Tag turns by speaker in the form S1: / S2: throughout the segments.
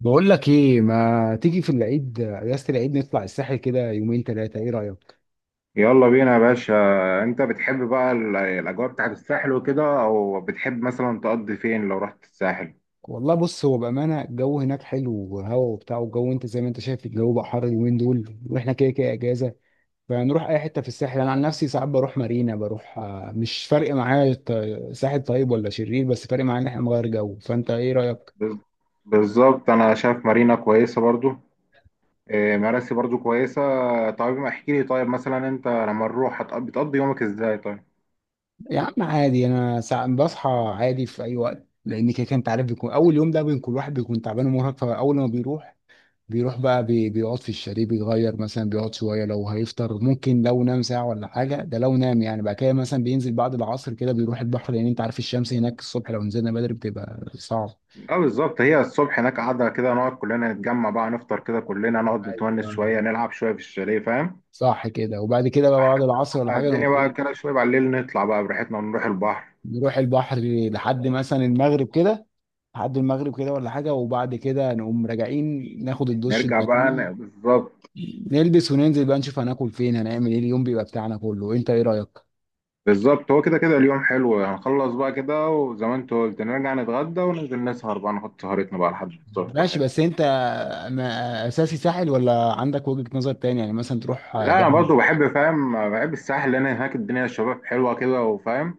S1: بقول لك ايه، ما تيجي في العيد؟ اجازه العيد نطلع الساحل كده يومين ثلاثه، ايه رايك؟
S2: يلا بينا يا باشا. انت بتحب بقى الاجواء بتاعت الساحل وكده، او بتحب مثلا تقضي فين لو رحت الساحل؟
S1: والله بص، هو بامانه الجو هناك حلو وهوا وبتاع. والجو انت زي ما انت شايف، الجو بقى حر اليومين دول، واحنا كده كده اجازه. فنروح اي حته في الساحل. انا عن نفسي ساعات بروح مارينا، بروح مش فارق معايا ساحل طيب ولا شرير، بس فارق معايا ان احنا نغير جو. فانت ايه رايك؟
S2: بز- بالظبط انا شايف مارينا كويسه برضو. اه، مراسي برضو كويسه. طيب ما احكي لي، طيب مثلا انت لما نروح بتقضي يومك ازاي طيب؟
S1: يا عم عادي، انا ساعات بصحى عادي في اي وقت، لان كده كده انت عارف بيكون اول يوم ده بيكون الواحد بيكون تعبان ومرهق. فاول ما بيروح بيروح بقى بيقعد في الشاليه، بيتغير مثلا، بيقعد شويه، لو هيفطر ممكن، لو نام ساعه ولا حاجه ده لو نام يعني. بعد كده مثلا بينزل بعد العصر كده بيروح البحر، لان انت عارف الشمس هناك الصبح لو نزلنا بدري بتبقى صعب.
S2: اه بالظبط، هي الصبح هناك قاعده كده، نقعد كلنا نتجمع بقى، نفطر كده كلنا، نقعد نتونس
S1: ايوه،
S2: شويه، نلعب شويه في الشاليه، فاهم؟
S1: صح كده. وبعد كده بقى بعد
S2: لحد
S1: العصر ولا
S2: ما
S1: حاجه نقوم
S2: الدنيا بقى
S1: ايه،
S2: كده شويه بالليل نطلع بقى براحتنا نروح البحر.
S1: نروح البحر لحد مثلا المغرب كده، لحد المغرب كده ولا حاجه. وبعد كده نقوم راجعين ناخد الدش المتين،
S2: بالظبط.
S1: نلبس وننزل بقى نشوف هناكل فين، هنعمل ايه. اليوم بيبقى بتاعنا كله، انت ايه رايك؟
S2: بالظبط، هو كده كده اليوم حلو، هنخلص بقى كده وزي ما انت قلت نرجع نتغدى وننزل نسهر بقى، نحط سهرتنا بقى لحد الصبح
S1: ماشي،
S2: براحتنا.
S1: بس انت اساسي ساحل ولا عندك وجهة نظر تاني، يعني مثلا تروح
S2: لا انا
S1: دهب؟
S2: برضو بحب، فاهم، بحب الساحل، لان هناك الدنيا الشباب حلوه كده وفاهم.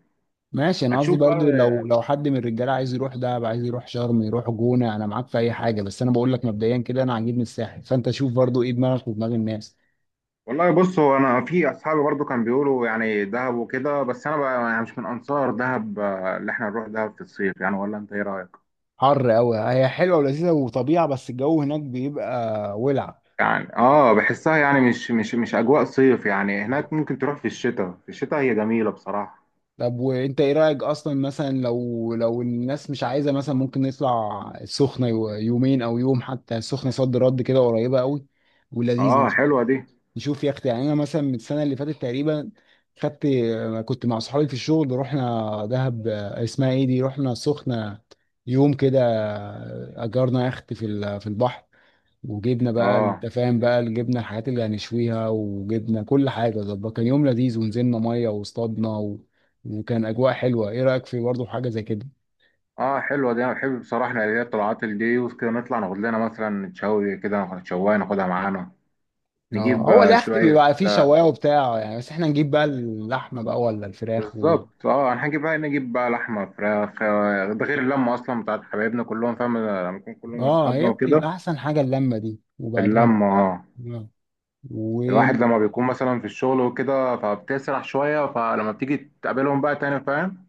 S1: ماشي، انا قصدي
S2: هتشوف بقى.
S1: برضو لو حد من الرجاله عايز يروح دهب، عايز يروح شرم، يروح جونة، انا معاك في اي حاجة، بس انا بقول لك مبدئيا كده انا عاجبني الساحل. فانت شوف برضو ايه دماغك ودماغ الناس.
S2: والله بص، هو انا في اصحابي برضو كانوا بيقولوا يعني دهب وكده، بس انا بقى يعني مش من انصار دهب. آه، اللي احنا نروح دهب في الصيف يعني، ولا انت ايه رايك؟
S1: حر قوي، هي حلوة ولذيذة وطبيعة بس الجو هناك بيبقى ولع.
S2: يعني اه بحسها يعني مش اجواء صيف يعني هناك. ممكن تروح في الشتاء، في الشتاء هي جميله بصراحه.
S1: طب وانت ايه رأيك اصلا؟ مثلا لو الناس مش عايزة مثلا، ممكن نطلع السخنة يومين او يوم حتى. السخنة صد رد كده، قريبة قوي ولذيذة.
S2: اه حلوه دي.
S1: نشوف يا اختي يعني. انا مثلا من السنه اللي فاتت تقريبا، خدت، كنت مع صحابي في الشغل، رحنا دهب اسمها ايه دي، رحنا سخنه يوم كده، اجرنا يخت في في البحر، وجبنا بقى،
S2: اه.
S1: انت فاهم بقى، جبنا الحاجات اللي هنشويها وجبنا كل حاجه ظبط، كان يوم لذيذ. ونزلنا ميه واصطادنا وكان اجواء حلوه. ايه رايك في برضه حاجه زي كده؟
S2: اه حلوه دي، انا بحب بصراحه اللي هي الطلعات اللي دي وكده، نطلع ناخد لنا مثلا شوي كده، ناخد شوايه ناخدها معانا.
S1: اه،
S2: نجيب
S1: هو
S2: آه،
S1: اليخت
S2: شويه
S1: بيبقى فيه
S2: آه،
S1: شوايه وبتاع يعني، بس احنا نجيب بقى اللحمه بقى ولا الفراخ؟
S2: بالظبط اه، هنجيب بقى، نجيب بقى لحمه، فراخ آه، ده غير اللمه اصلا بتاعت حبايبنا كلهم، فاهم، لما يكون كلهم
S1: اه،
S2: اصحابنا
S1: هي
S2: وكده.
S1: بتبقى احسن حاجه اللمه دي، وبعدين.
S2: اللمه اه.
S1: اه. و.
S2: الواحد لما بيكون مثلا في الشغل وكده فبتسرح شويه، فلما بتيجي تقابلهم بقى تاني، فاهم،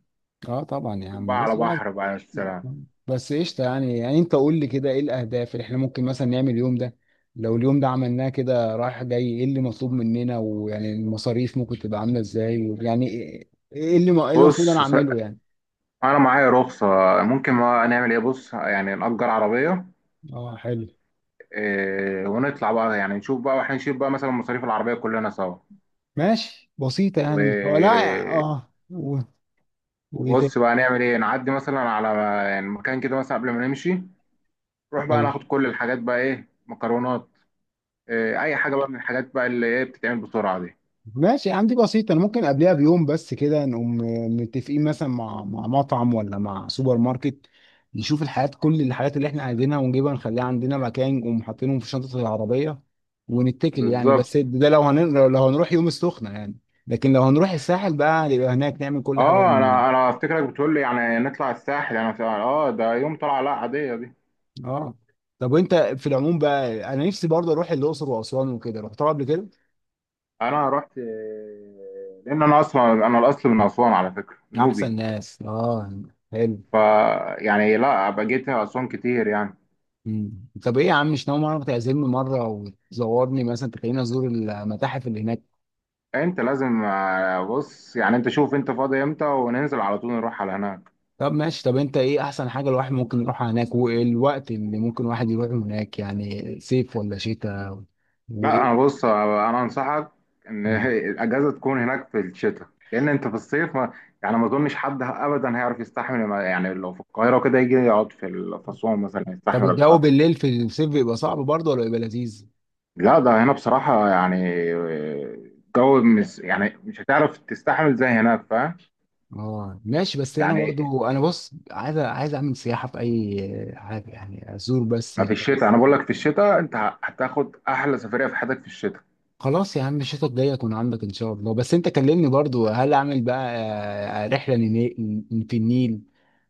S1: اه طبعا يا
S2: تكون
S1: عم،
S2: بقى على
S1: بص بقى.
S2: بحر بقى، يا سلام.
S1: بس قشطه يعني. يعني انت قول لي كده ايه الاهداف اللي احنا ممكن مثلا نعمل اليوم ده؟ لو اليوم ده عملناه كده رايح جاي، ايه اللي مطلوب مننا؟ ويعني المصاريف ممكن تبقى عامله ازاي؟ ويعني ايه إيه اللي المفروض انا
S2: بص،
S1: اعمله يعني؟
S2: انا معايا رخصه، ممكن ما نعمل ايه، بص يعني نأجر عربيه.
S1: اه حلو.
S2: آه، ونطلع بقى يعني نشوف بقى، واحنا نشيل بقى مثلا مصاريف العربية كلنا سوا.
S1: ماشي، بسيطه
S2: و...
S1: يعني مش هو لا اه وايه
S2: وبص بقى نعمل ايه، نعدي مثلا على يعني مكان كده مثلا قبل ما نمشي، نروح بقى
S1: تاني.
S2: ناخد كل الحاجات بقى، ايه، مكرونات، إيه، اي حاجة بقى من الحاجات بقى اللي ايه بتتعمل بسرعة دي.
S1: ماشي يا عم، دي بسيطة. أنا ممكن قبلها بيوم بس كده نقوم متفقين مثلا مع مطعم ولا مع سوبر ماركت، نشوف الحاجات كل الحاجات اللي إحنا عايزينها ونجيبها نخليها عندنا مكان، نقوم حاطينهم في شنطة العربية ونتكل يعني.
S2: بالظبط
S1: بس ده لو لو هنروح يوم السخنة يعني. لكن لو هنروح الساحل بقى نبقى هناك، نعمل كل حاجة
S2: اه،
S1: من هنا.
S2: انا افتكرك بتقول لي يعني نطلع الساحل، انا ده يوم طلعة، لا عادية دي.
S1: اه. طب وأنت في العموم بقى، أنا نفسي برضه أروح الأقصر وأسوان وكده. رحتها قبل كده.
S2: انا رحت آه، لان انا اصلا انا الاصل من اسوان على فكرة، نوبي.
S1: أحسن ناس، اه، حلو.
S2: ف يعني لا، بقيت اسوان كتير يعني.
S1: طب ايه يا عم، مش ناوي مره تعزمني مره وتزورني مثلا، تخليني ازور المتاحف اللي هناك؟
S2: انت لازم آه، بص يعني انت شوف انت فاضي امتى وننزل على طول نروح على هناك.
S1: طب ماشي، طب انت ايه احسن حاجه الواحد ممكن يروحها هناك، والوقت اللي ممكن الواحد يروح هناك يعني، صيف ولا شتاء؟
S2: لا انا
S1: وايه.
S2: بص آه، انا انصحك ان
S1: مم.
S2: الاجازه تكون هناك في الشتاء، لان انت في الصيف ما يعني ما اظنش حد ابدا هيعرف يستحمل يعني لو في القاهره كده يجي يقعد في اسوان مثلا
S1: طب
S2: يستحمل
S1: الجو
S2: الحر.
S1: بالليل في الصيف بيبقى صعب برضه ولا بيبقى لذيذ؟
S2: لا ده هنا بصراحه يعني، آه، الجو مش هتعرف تستحمل زي هناك، فاهم.
S1: اه ماشي، بس انا
S2: يعني
S1: برضو انا بص عايز اعمل سياحه في اي حاجه يعني، ازور بس.
S2: ما في الشتاء انا بقول لك، في الشتاء انت هتاخد احلى سفريه في حياتك في الشتاء.
S1: خلاص يا عم، الشتا الجاي اكون عندك ان شاء الله. بس انت كلمني برضو هل اعمل بقى رحلة في النيل،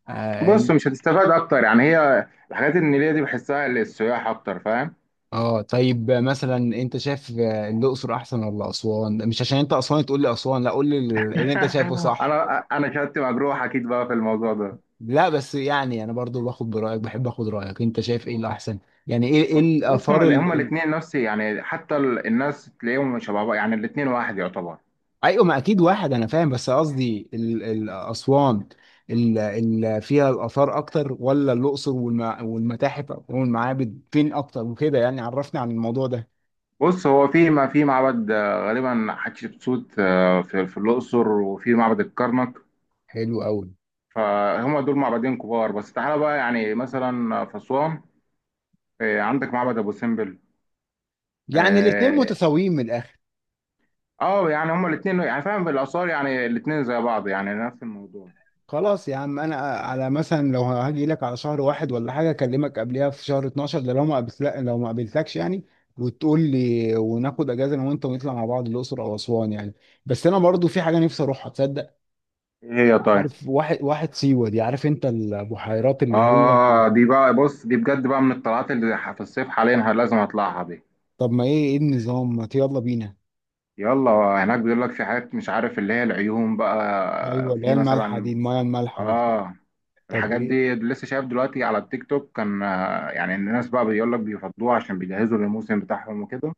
S1: اه.
S2: بص مش هتستفاد اكتر يعني، هي الحاجات النيليه دي بحسها للسياح اكتر، فاهم.
S1: طيب مثلا انت شايف الاقصر احسن ولا اسوان؟ مش عشان انت اسوان تقول لي اسوان، لا، قول لي اللي انت شايفه صح.
S2: انا شهادتي مجروح اكيد بقى في الموضوع ده.
S1: لا بس يعني انا برضو باخد برايك، بحب اخد رايك، انت شايف ايه الاحسن يعني، ايه
S2: بص،
S1: الاثار؟
S2: هما الاثنين نفس يعني، حتى الناس تلاقيهم شبه بعض يعني، الاثنين واحد يعتبر.
S1: ايوه، ما اكيد واحد. انا فاهم، بس قصدي اسوان اللي فيها الاثار اكتر، ولا الاقصر والمتاحف والمعابد فين اكتر وكده يعني؟ عرفني عن الموضوع ده.
S2: بص هو في ما في معبد آه، غالبا حتشبسوت آه، في في الاقصر وفي معبد الكرنك،
S1: حلو قوي.
S2: فهم دول معبدين كبار. بس تعالى بقى يعني مثلا في اسوان، آه، عندك معبد ابو سمبل.
S1: يعني الاتنين
S2: آه،
S1: متساويين من الاخر؟
S2: اه يعني هما الاثنين يعني، فاهم، بالاثار يعني الاثنين زي بعض يعني نفس الموضوع.
S1: خلاص يا عم، انا على مثلا لو هاجي لك على شهر واحد ولا حاجه، اكلمك قبلها في شهر 12 ده لو ما قابلت لو ما قابلتكش يعني، وتقول لي وناخد اجازه انا وانت ونطلع مع بعض الاقصر او اسوان يعني. بس انا برضو في حاجه نفسي اروحها تصدق.
S2: ايه هي طيب؟
S1: عارف واحد سيوة دي، عارف انت البحيرات اللي هي
S2: اه
S1: ال-
S2: دي بقى بص، دي بجد بقى من الطلعات في الصيف حاليا لازم اطلعها دي.
S1: طب ما ايه ايه النظام، ما يلا بينا.
S2: يلا. هناك بيقول لك في حاجات مش عارف، اللي هي العيون
S1: ايوه،
S2: بقى
S1: اللي هي
S2: في
S1: المالحه دي،
S2: مثلا.
S1: المايه المالحه وبتاع.
S2: اه،
S1: طب
S2: الحاجات
S1: ايه.
S2: دي لسه شايف دلوقتي على التيك توك كان آه، يعني الناس بقى بيقول لك بيفضوها عشان بيجهزوا للموسم بتاعهم وكده،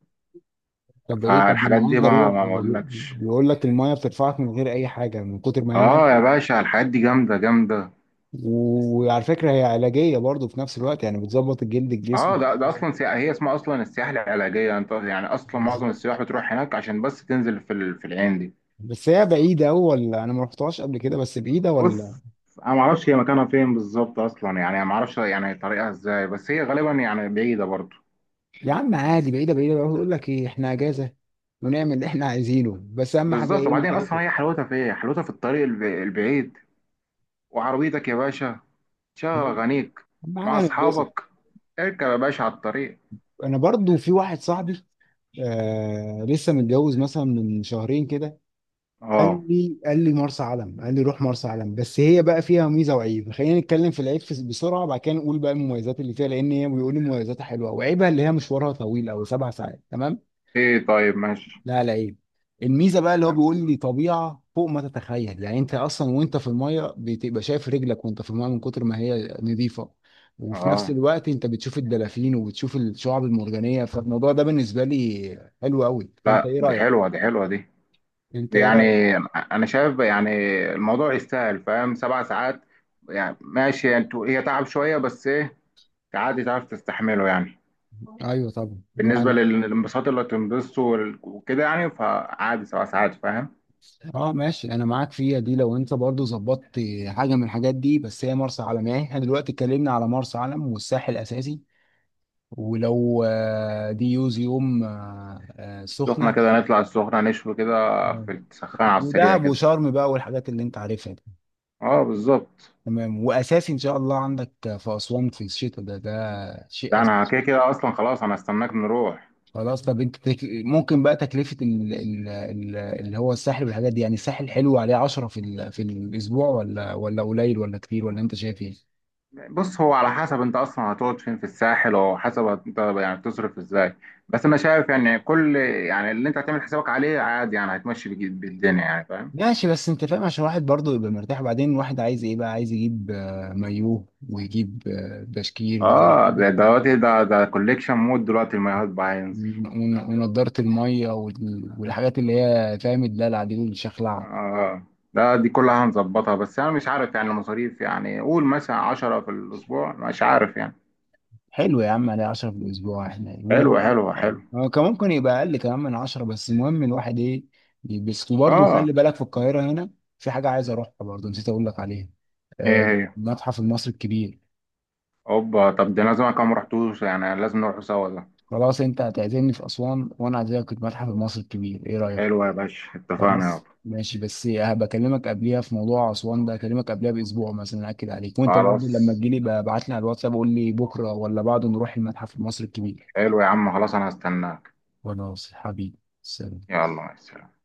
S1: طب ايه. طب ما
S2: فالحاجات
S1: انا
S2: دي
S1: عايز
S2: بقى
S1: اروح.
S2: ما بقولكش.
S1: بيقول لك المايه بترفعك من غير اي حاجه من كتر ما هي
S2: اه يا
S1: مالحه.
S2: باشا، الحاجات دي جامده جامده.
S1: وعلى فكره هي علاجيه برضو في نفس الوقت يعني، بتظبط الجلد الجسم
S2: اه ده
S1: وبتاع.
S2: اصلا سياحة، هي اسمها اصلا السياحة العلاجية، انت يعني اصلا معظم
S1: بالظوبت.
S2: السياح بتروح هناك عشان بس تنزل في العين دي.
S1: بس هي بعيده أوي ولا؟ انا ما رحتهاش قبل كده، بس بعيده ولا؟
S2: بص انا ما اعرفش هي مكانها فين بالظبط اصلا يعني، ما اعرفش يعني طريقها ازاي، بس هي غالبا يعني بعيدة برضه.
S1: يا عم عادي، بعيده بعيده بقى. يقول لك ايه، احنا اجازه ونعمل اللي احنا عايزينه، بس اهم حاجه
S2: بالظبط،
S1: ايه،
S2: وبعدين اصلا
S1: نتبسط.
S2: هي حلاوتها في ايه؟ حلاوتها في الطريق البعيد، وعربيتك يا باشا، شغل
S1: اهم
S2: اغانيك مع
S1: حاجه هنتبسط.
S2: اصحابك، اركب يا باشا على الطريق.
S1: انا برضو في واحد صاحبي لسه متجوز مثلا من شهرين كده،
S2: اه.
S1: قال لي مرسى علم، قال لي روح مرسى علم. بس هي بقى فيها ميزه وعيب. خلينا نتكلم في العيب بسرعه، بعد كده نقول بقى المميزات اللي فيها. لان هي بيقول لي مميزاتها حلوه، وعيبها اللي هي مشوارها طويل، او سبع ساعات، تمام.
S2: ايه طيب ماشي.
S1: لا لعيب، الميزه بقى اللي هو بيقول لي طبيعه فوق ما تتخيل يعني. انت اصلا وانت في الميه بتبقى شايف رجلك وانت في الميه من كتر ما هي نظيفه، وفي نفس
S2: اه
S1: الوقت انت بتشوف الدلافين وبتشوف الشعاب المرجانيه، فالموضوع ده بالنسبه لي حلو قوي. فانت
S2: لا
S1: ايه
S2: دي
S1: رايك؟
S2: حلوة، دي حلوة دي.
S1: انت ايه
S2: يعني
S1: رايك؟
S2: انا شايف يعني الموضوع يستاهل، فاهم، سبع ساعات يعني ماشي انتوا، هي تعب شويه بس ايه، عادي تعرف تستحمله يعني.
S1: ايوه طبعا
S2: بالنسبه للانبساط اللي هتنبسطه وكده يعني، فعادي سبع ساعات، فاهم.
S1: اه ماشي، انا معاك فيها دي لو انت برضو ظبطت حاجه من الحاجات دي. بس هي مرسى علم يعني، احنا دلوقتي اتكلمنا على مرسى علم والساحل الاساسي، ولو دي يوز يوم
S2: السخنه
S1: سخنه.
S2: كده نطلع السخنه نشوي كده،
S1: آه.
S2: في السخان على السريع
S1: ودهب
S2: كده.
S1: وشرم بقى والحاجات اللي انت عارفها دي.
S2: اه بالظبط.
S1: تمام. واساسي ان شاء الله عندك في اسوان في الشتاء، ده ده شيء
S2: ده
S1: أساسي.
S2: انا كده كده اصلا خلاص، انا استناك نروح.
S1: خلاص. طب انت ممكن بقى تكلفه اللي هو الساحل والحاجات دي يعني، الساحل حلو عليه 10 في في الاسبوع؟ ولا قليل ولا كتير، ولا انت شايف ايه؟
S2: بص هو على حسب انت اصلا هتقعد فين في الساحل، او حسب انت يعني بتصرف ازاي، بس انا شايف يعني كل يعني اللي انت هتعمل حسابك عليه عادي يعني، هتمشي بالدنيا يعني، فاهم.
S1: ماشي، بس انت فاهم، عشان الواحد برضه يبقى مرتاح، وبعدين الواحد عايز ايه بقى، عايز يجيب مايوه، ويجيب بشكير بقى،
S2: اه
S1: ويجيب
S2: ده دلوقتي ده كوليكشن مود دلوقتي، المايوهات بقى هينزل.
S1: ونضاره الميه والحاجات اللي هي فاهم الدلع دي والشخلعه.
S2: اه، دي كلها هنظبطها، بس انا مش عارف يعني المصاريف، يعني قول مثلا 10 في الاسبوع، مش عارف يعني.
S1: حلو يا عم، عليه 10 في الاسبوع احنا،
S2: حلو
S1: ولو
S2: حلو حلو.
S1: اه كان ممكن يبقى اقل كمان من 10، بس المهم الواحد ايه، يلبس. وبرضه
S2: اه.
S1: خلي بالك في القاهره هنا في حاجه عايز اروحها برضه، نسيت اقول لك عليها،
S2: ايه
S1: آه،
S2: هي؟
S1: المتحف المصري الكبير.
S2: اوبا، طب ده لازم، كم رحتوش يعني، لازم نروح سوا ده.
S1: خلاص، انت هتعزمني في اسوان وانا اعزمك في المتحف المصري الكبير، ايه رايك؟
S2: حلو يا باشا، اتفقنا
S1: خلاص
S2: يابا.
S1: ماشي، بس بكلمك قبليها في موضوع اسوان ده، اكلمك قبليها باسبوع مثلا اكد عليك، وانت برضو لما
S2: خلاص
S1: تجيلي بقى ابعت لي على الواتساب، قول لي بكره ولا بعده نروح المتحف المصري الكبير.
S2: حلو يا عم، خلاص انا هستناك.
S1: خلاص حبيبي، سلام.
S2: يلا مع السلامة.